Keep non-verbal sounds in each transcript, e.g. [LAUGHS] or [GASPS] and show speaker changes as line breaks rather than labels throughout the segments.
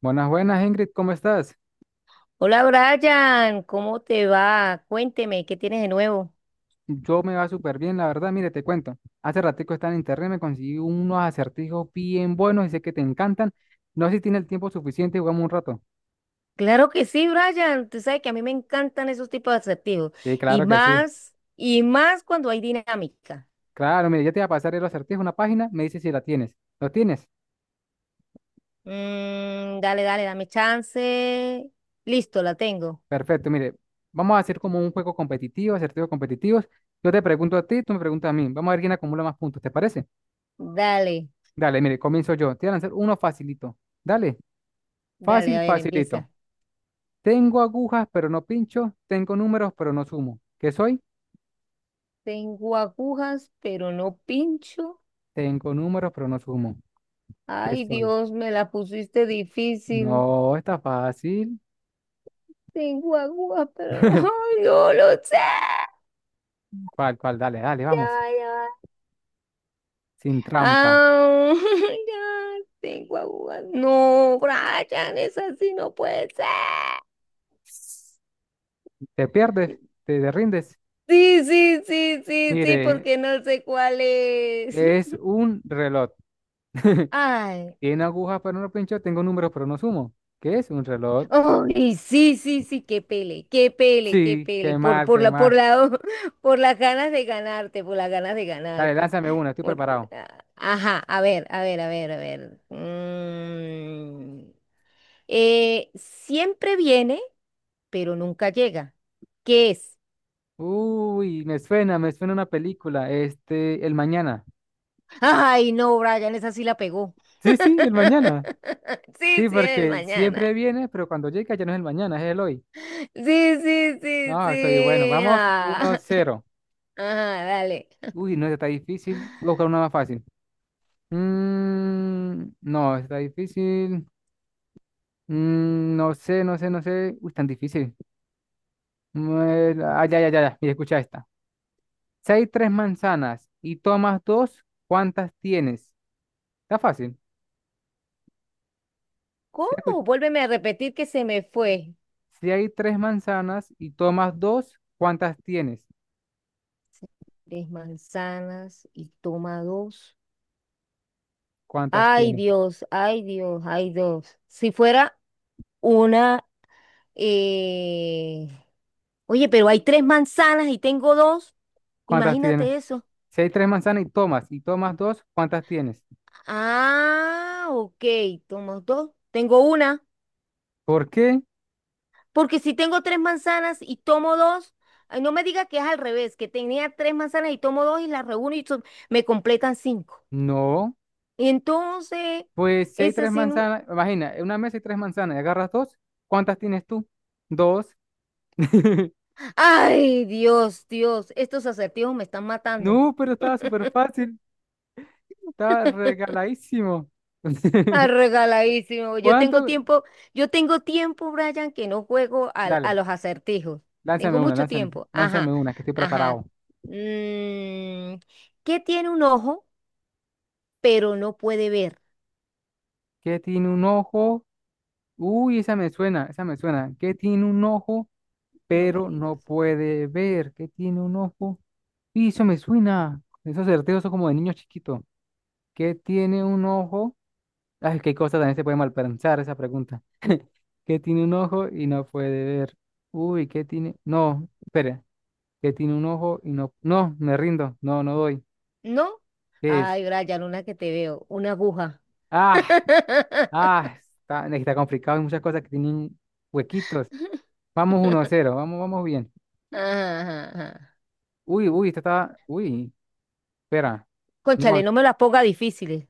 Buenas, buenas, Ingrid, ¿cómo estás?
Hola Brian, ¿cómo te va? Cuénteme, ¿qué tienes de nuevo?
Yo me va súper bien, la verdad, mire, te cuento. Hace ratico estaba en internet, me conseguí unos acertijos bien buenos y sé que te encantan. No sé si tienes el tiempo suficiente, y jugamos un rato.
Claro que sí, Brian. Tú sabes que a mí me encantan esos tipos de atractivos.
Sí, claro que sí.
Y más cuando hay dinámica.
Claro, mire, ya te voy a pasar el acertijo, una página, me dices si la tienes. ¿Lo tienes?
Mm, dale, dale, dame chance. Listo, la tengo.
Perfecto, mire, vamos a hacer como un juego competitivo, acertijos competitivos. Yo te pregunto a ti, tú me preguntas a mí. Vamos a ver quién acumula más puntos, ¿te parece?
Dale,
Dale, mire, comienzo yo. Te voy a lanzar uno facilito. Dale,
dale, a
fácil,
ver, empieza.
facilito. Tengo agujas, pero no pincho. Tengo números, pero no sumo. ¿Qué soy?
Tengo agujas, pero no pincho.
Tengo números, pero no sumo. ¿Qué
Ay,
soy?
Dios, me la pusiste difícil.
No, está fácil.
Tengo agujas, pero no,
[LAUGHS]
[LAUGHS] yo lo sé.
¿Cuál, cuál? Dale, dale,
Ya,
vamos.
va, ya va.
Sin trampa.
Ah, [LAUGHS] ya tengo agujas. No, Brian, es así, no puede ser.
Te pierdes, te rindes.
Sí, sí, sí, sí, sí,
Mire,
porque no sé cuál es.
es
[LAUGHS]
un reloj.
Ay,
Tiene agujas, pero no pincho. Tengo números, pero no sumo. ¿Qué es un reloj?
ay, sí, sí, sí, qué pele, qué pele, qué
Sí,
pele,
qué
por,
mal,
por
qué
la, por
mal.
la, [LAUGHS] por las ganas de ganarte, por las ganas de
Dale,
ganarte.
lánzame una, estoy
Por-
preparado.
ah, ajá, a ver, a ver, a ver, a ver. Siempre viene, pero nunca llega. ¿Qué es?
Uy, me suena una película. Este, El Mañana.
Ay, no, Brian, esa sí la pegó.
Sí, sí, El Mañana.
[LAUGHS] Sí,
Sí,
sí, el
porque
mañana.
siempre viene, pero cuando llega ya no es el mañana, es el hoy.
Sí, sí, sí,
No, soy bueno.
sí.
Vamos uno
Ah,
cero.
[LAUGHS] ah, dale.
Uy, no, esta está difícil. Voy a buscar una más fácil. Mm, no, esta está difícil. Mm, no sé, no sé, no sé. Uy, tan difícil. Ya, ya, ya, ya. Mira, escucha esta. Si hay tres manzanas y tomas dos, ¿cuántas tienes? Está fácil. Si, escu-
¿Cómo? Vuélveme a repetir que se me fue.
si hay tres manzanas y tomas dos, ¿cuántas tienes?
Tres manzanas y toma dos.
¿Cuántas
Ay,
tienes?
Dios, ay, Dios, ay, Dios. Si fuera una. eh, Oye, pero hay tres manzanas y tengo dos.
¿Cuántas tienes?
Imagínate eso.
Si hay tres manzanas y tomas dos, ¿cuántas tienes?
Ah, ok, tomo dos. Tengo una.
¿Por qué?
Porque si tengo tres manzanas y tomo dos, ay, no me diga que es al revés, que tenía tres manzanas y tomo dos y las reúno y me completan cinco.
No.
Y entonces,
Pues si hay
es
tres
así, ¿no?
manzanas, imagina, en una mesa hay tres manzanas y agarras dos, ¿cuántas tienes tú? Dos. [LAUGHS]
Ay, Dios, Dios, estos acertijos me están matando.
No, pero estaba súper fácil, estaba regaladísimo.
Ah,
[LAUGHS]
regaladísimo.
¿Cuánto?
Yo tengo tiempo, Brian, que no juego
Dale,
los acertijos. Tengo
lánzame una,
mucho
lánzame,
tiempo.
lánzame
Ajá,
una, que estoy
ajá.
preparado.
Mm, ¿Qué tiene un ojo, pero no puede ver?
¿Qué tiene un ojo? Uy, esa me suena, esa me suena. ¿Qué tiene un ojo?
No me
Pero no
digas.
puede ver, que tiene un ojo. Y eso me suena, esos certeos son como de niño chiquito, que tiene un ojo. Ay, qué cosa también se puede malpensar esa pregunta. [LAUGHS] Qué tiene un ojo y no puede ver. Uy, ¿qué tiene? No, espera, qué tiene un ojo y no. No, me rindo, no, no doy.
¿No?
¿Qué es?
Ay, Brian, una que te veo, una aguja.
Ah,
[LAUGHS]
está, está complicado, hay muchas cosas que tienen huequitos. Vamos 1 cero, vamos, vamos bien.
Ajá.
Esta está. Uy, espera. No,
Cónchale, no me las ponga difíciles.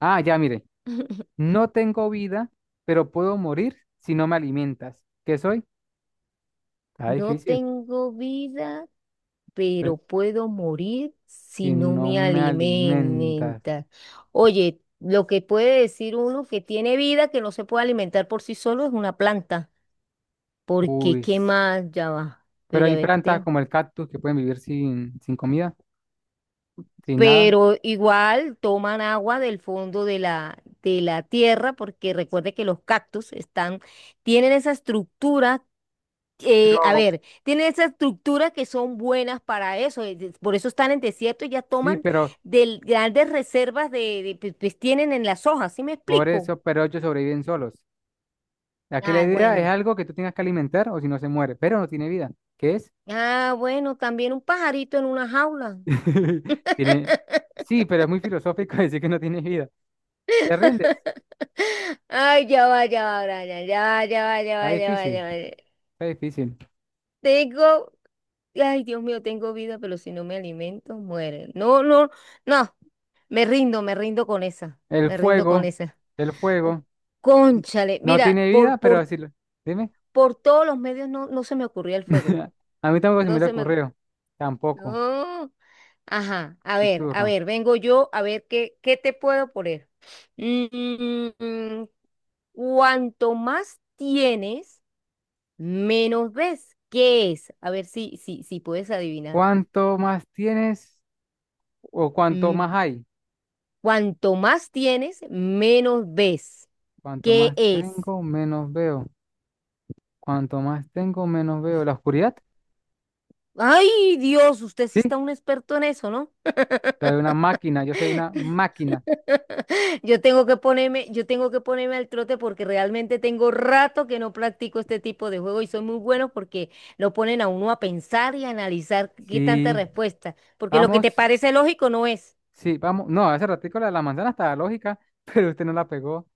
ah, ya, mire.
[LAUGHS]
No tengo vida, pero puedo morir si no me alimentas. ¿Qué soy? Está
No
difícil.
tengo vida,
Pero
pero puedo morir
si
si no
no
me
me alimentas.
alimenta. Oye, lo que puede decir uno que tiene vida, que no se puede alimentar por sí solo, es una planta. Porque,
Uy.
¿qué más? Ya va.
Pero
Pero a
hay
ver,
plantas como el cactus que pueden vivir sin comida, sin nada.
pero igual toman agua del fondo de la tierra, porque recuerde que los cactus están, tienen esa estructura.
Pero
A ver, tienen esa estructura que son buenas para eso, por eso están en desierto y ya
sí,
toman
pero
del, grandes reservas pues, tienen en las hojas, ¿sí me
por
explico?
eso, pero ellos sobreviven solos. Aquí la
Ah,
idea es
bueno.
algo que tú tengas que alimentar o si no se muere, pero no tiene vida. ¿Qué es?
Ah, bueno, también un pajarito en una jaula. [GASPS]
[LAUGHS] Tiene. Sí, pero es muy filosófico [LAUGHS] decir que no tiene vida. ¿Te rindes?
[LAUGHS] Ay, ya va, Brian, ya va, ya va, ya
Está
va, ya va,
difícil,
ya va. Ya va.
está difícil.
Tengo Ay, Dios mío, tengo vida, pero si no me alimento, muere. No, no, no, me rindo con esa,
El
me rindo con
fuego,
esa.
el
Uh,
fuego.
Cónchale,
No
mira,
tiene
por,
vida, pero
por,
decirlo. Dime.
por todos los medios no, no se me ocurría el fuego.
[LAUGHS] A mí tampoco se
No
me le
se me.
ocurrió. Tampoco.
No. Ajá,
Mi
a
turno.
ver, vengo yo a ver qué te puedo poner. Mm, Cuanto más tienes, menos ves. ¿Qué es? A ver si puedes adivinar.
¿Cuánto más tienes o cuánto
Mm.
más hay?
Cuanto más tienes, menos ves.
Cuanto
¿Qué
más
es?
tengo, menos veo. Cuanto más tengo, menos veo. ¿La oscuridad?
Ay, Dios, usted sí
Sí.
está un experto en eso, ¿no?
La de una máquina. Yo soy una máquina.
[LAUGHS] Yo tengo que ponerme al trote porque realmente tengo rato que no practico este tipo de juego y son muy buenos porque lo ponen a uno a pensar y a analizar qué tanta
Sí.
respuesta, porque lo que te
Vamos.
parece lógico no es.
Sí, vamos. No, hace ratico la de la manzana estaba lógica, [LAUGHS] pero usted no la pegó.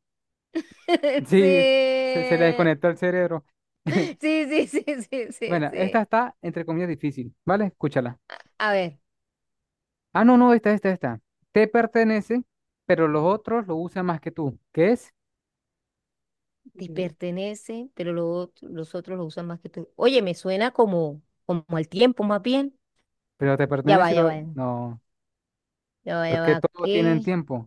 Sí, se le
[LAUGHS]
desconectó el cerebro. [LAUGHS]
Sí, sí, sí, sí, sí, sí,
Bueno,
sí.
esta está entre comillas difícil, ¿vale? Escúchala.
A ver.
Ah, no, no, esta. Te pertenece, pero los otros lo usan más que tú. ¿Qué es?
Te
Eh,
pertenece, pero los otros lo usan más que tú. Oye, me suena como al tiempo más bien.
Pero te
Ya va,
pertenece y
ya
lo...
va,
No,
ya va, ya
porque
va.
todos tienen
¿Qué?
tiempo.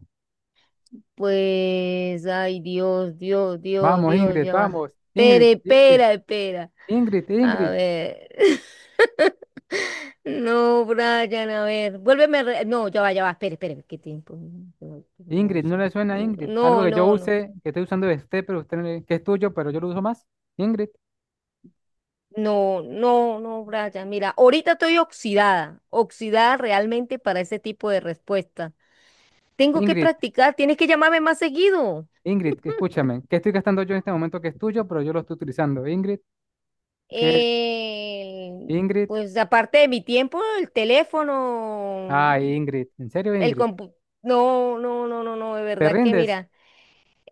Pues, ay, Dios, Dios, Dios, Dios, ya va.
Vamos.
Espera,
Ingrid, Ingrid,
espera, espera.
Ingrid,
A
Ingrid.
ver. [LAUGHS] No, Brian, a ver. Vuélveme. No, ya va, ya va. Espera, espera. ¿Qué tiempo? No, no, no.
Ingrid, ¿no
Uso.
le suena a Ingrid? Algo
No,
que yo
no, no.
use, que estoy usando de usted, pero usted no le- que es tuyo, pero yo lo uso más. Ingrid,
No, no, no, Brian. Mira, ahorita estoy oxidada, oxidada realmente para ese tipo de respuesta. Tengo que
Ingrid,
practicar, tienes que llamarme más seguido.
Ingrid, que escúchame. ¿Qué estoy gastando yo en este momento que es tuyo, pero yo lo estoy utilizando? Ingrid, ¿qué es?
El-
Ingrid.
pues aparte de mi tiempo, el teléfono,
Ah Ingrid. ¿En serio,
el
Ingrid?
compu. No, no, no, no, no, de
¿Te
verdad que
rindes?
mira.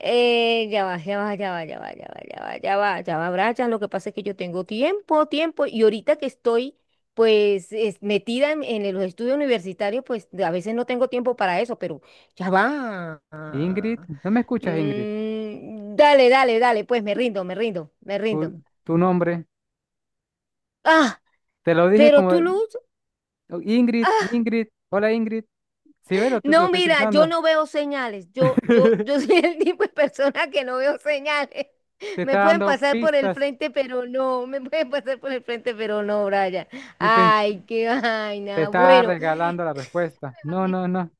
Ya va, ya va, ya va, ya va, ya va, ya va, ya va, ya va, Brian. Lo que pasa es que yo tengo tiempo, tiempo, y ahorita que estoy, pues, metida en los estudios universitarios, pues, a veces no tengo tiempo para eso, pero ya va.
Ingrid, ¿no me escuchas, Ingrid?
Mm, dale, dale, dale, pues, me rindo, me rindo, me
tu,
rindo.
tu nombre.
Ah,
Te lo dije
pero
como
tú, Luz.
Ingrid, Ingrid, hola Ingrid. Si ves, lo
No,
estoy
mira, yo
utilizando.
no veo señales. Yo [LAUGHS]
[LAUGHS]
soy el tipo de persona que no veo señales.
Te está
Me pueden
dando
pasar por el
pistas
frente, pero no. Me pueden pasar por el frente, pero no, Brian.
y pens-
Ay, qué
te
vaina.
está
Bueno. [LAUGHS]
regalando la respuesta. No,
Ay,
no, no.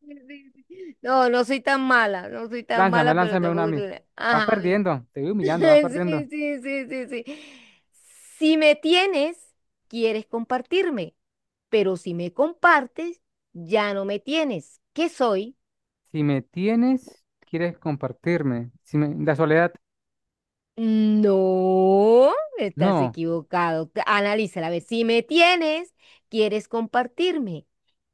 sí, sí, sí. No, no soy tan mala. No soy tan
Lánzame,
mala, pero
lánzame una a
tampoco soy
mí. Vas
ajá, a ver.
perdiendo, te voy humillando, vas
[LAUGHS] Sí,
perdiendo.
sí, sí, sí, sí. Si me tienes, quieres compartirme. Pero si me compartes, ya no me tienes. ¿Qué soy?
Si me tienes, quieres compartirme. La soledad,
No, estás
no,
equivocado. Analízala, a ver, si me tienes, quieres compartirme.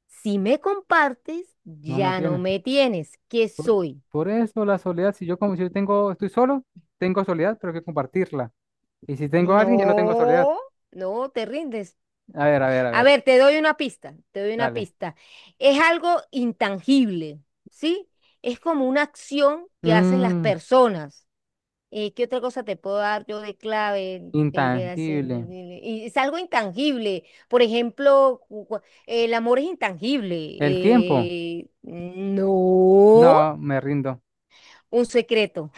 Si me compartes,
no me
ya no
tienes.
me tienes. ¿Qué
Por,
soy?
por eso la soledad, si yo como si yo tengo, estoy solo, tengo soledad, pero hay que compartirla. Y si tengo a alguien, ya no tengo soledad.
No, no, te rindes.
A ver, a ver, a
A
ver.
ver, te doy una pista, te doy una
Dale.
pista. Es algo intangible, ¿sí? Es como una acción que hacen las
Mm,
personas. ¿Qué otra cosa te puedo dar yo de clave? De así,
intangible.
y es algo intangible. Por ejemplo, el amor es intangible.
¿El tiempo? No,
No,
me rindo.
un secreto.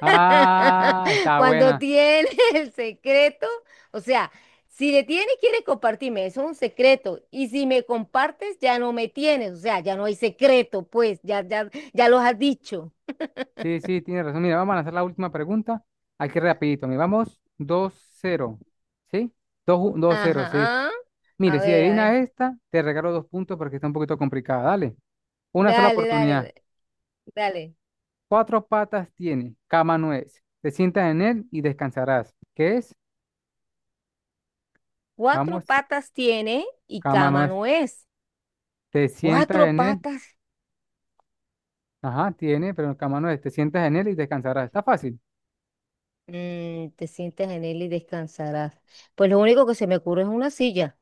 Ah,
[LAUGHS]
está
Cuando
buena.
tienes [LAUGHS] el secreto, o sea, si le tienes, quieres compartirme, eso es un secreto. Y si me compartes, ya no me tienes, o sea, ya no hay secreto, pues, ya los has dicho.
Sí, sí, tiene razón. Mira, vamos a lanzar la última pregunta. Aquí rapidito. Mira, vamos 2-0. ¿Sí? Dos cero, sí, 2 dos cero, sí.
Ajá. A
Mire, si
ver, a
adivinas
ver.
esta, te regalo dos puntos porque está un poquito complicada. Dale. Una sola
Dale,
oportunidad.
dale, dale.
Cuatro patas tiene, cama no es. Te sientas en él y descansarás. ¿Qué es?
Cuatro
Vamos,
patas tiene y
cama no
cama
es.
no es.
Te sientas
Cuatro
en él.
patas.
Ajá, tiene, pero el camano es, te sientas en él y descansarás. Está fácil.
Te sientas en él y descansarás. Pues lo único que se me ocurre es una silla.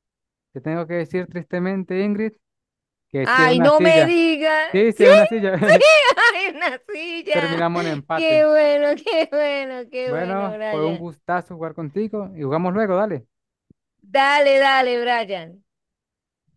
Te tengo que decir tristemente, Ingrid, que sí es
Ay,
una
no me
silla.
digas.
Sí, sí
Sí,
es una silla.
sí,
[LAUGHS]
[LAUGHS] hay una silla.
Terminamos en empate.
Qué bueno, qué bueno, qué bueno,
Bueno, fue un
Brian.
gustazo jugar contigo y jugamos luego, dale.
Dale, dale, Brian.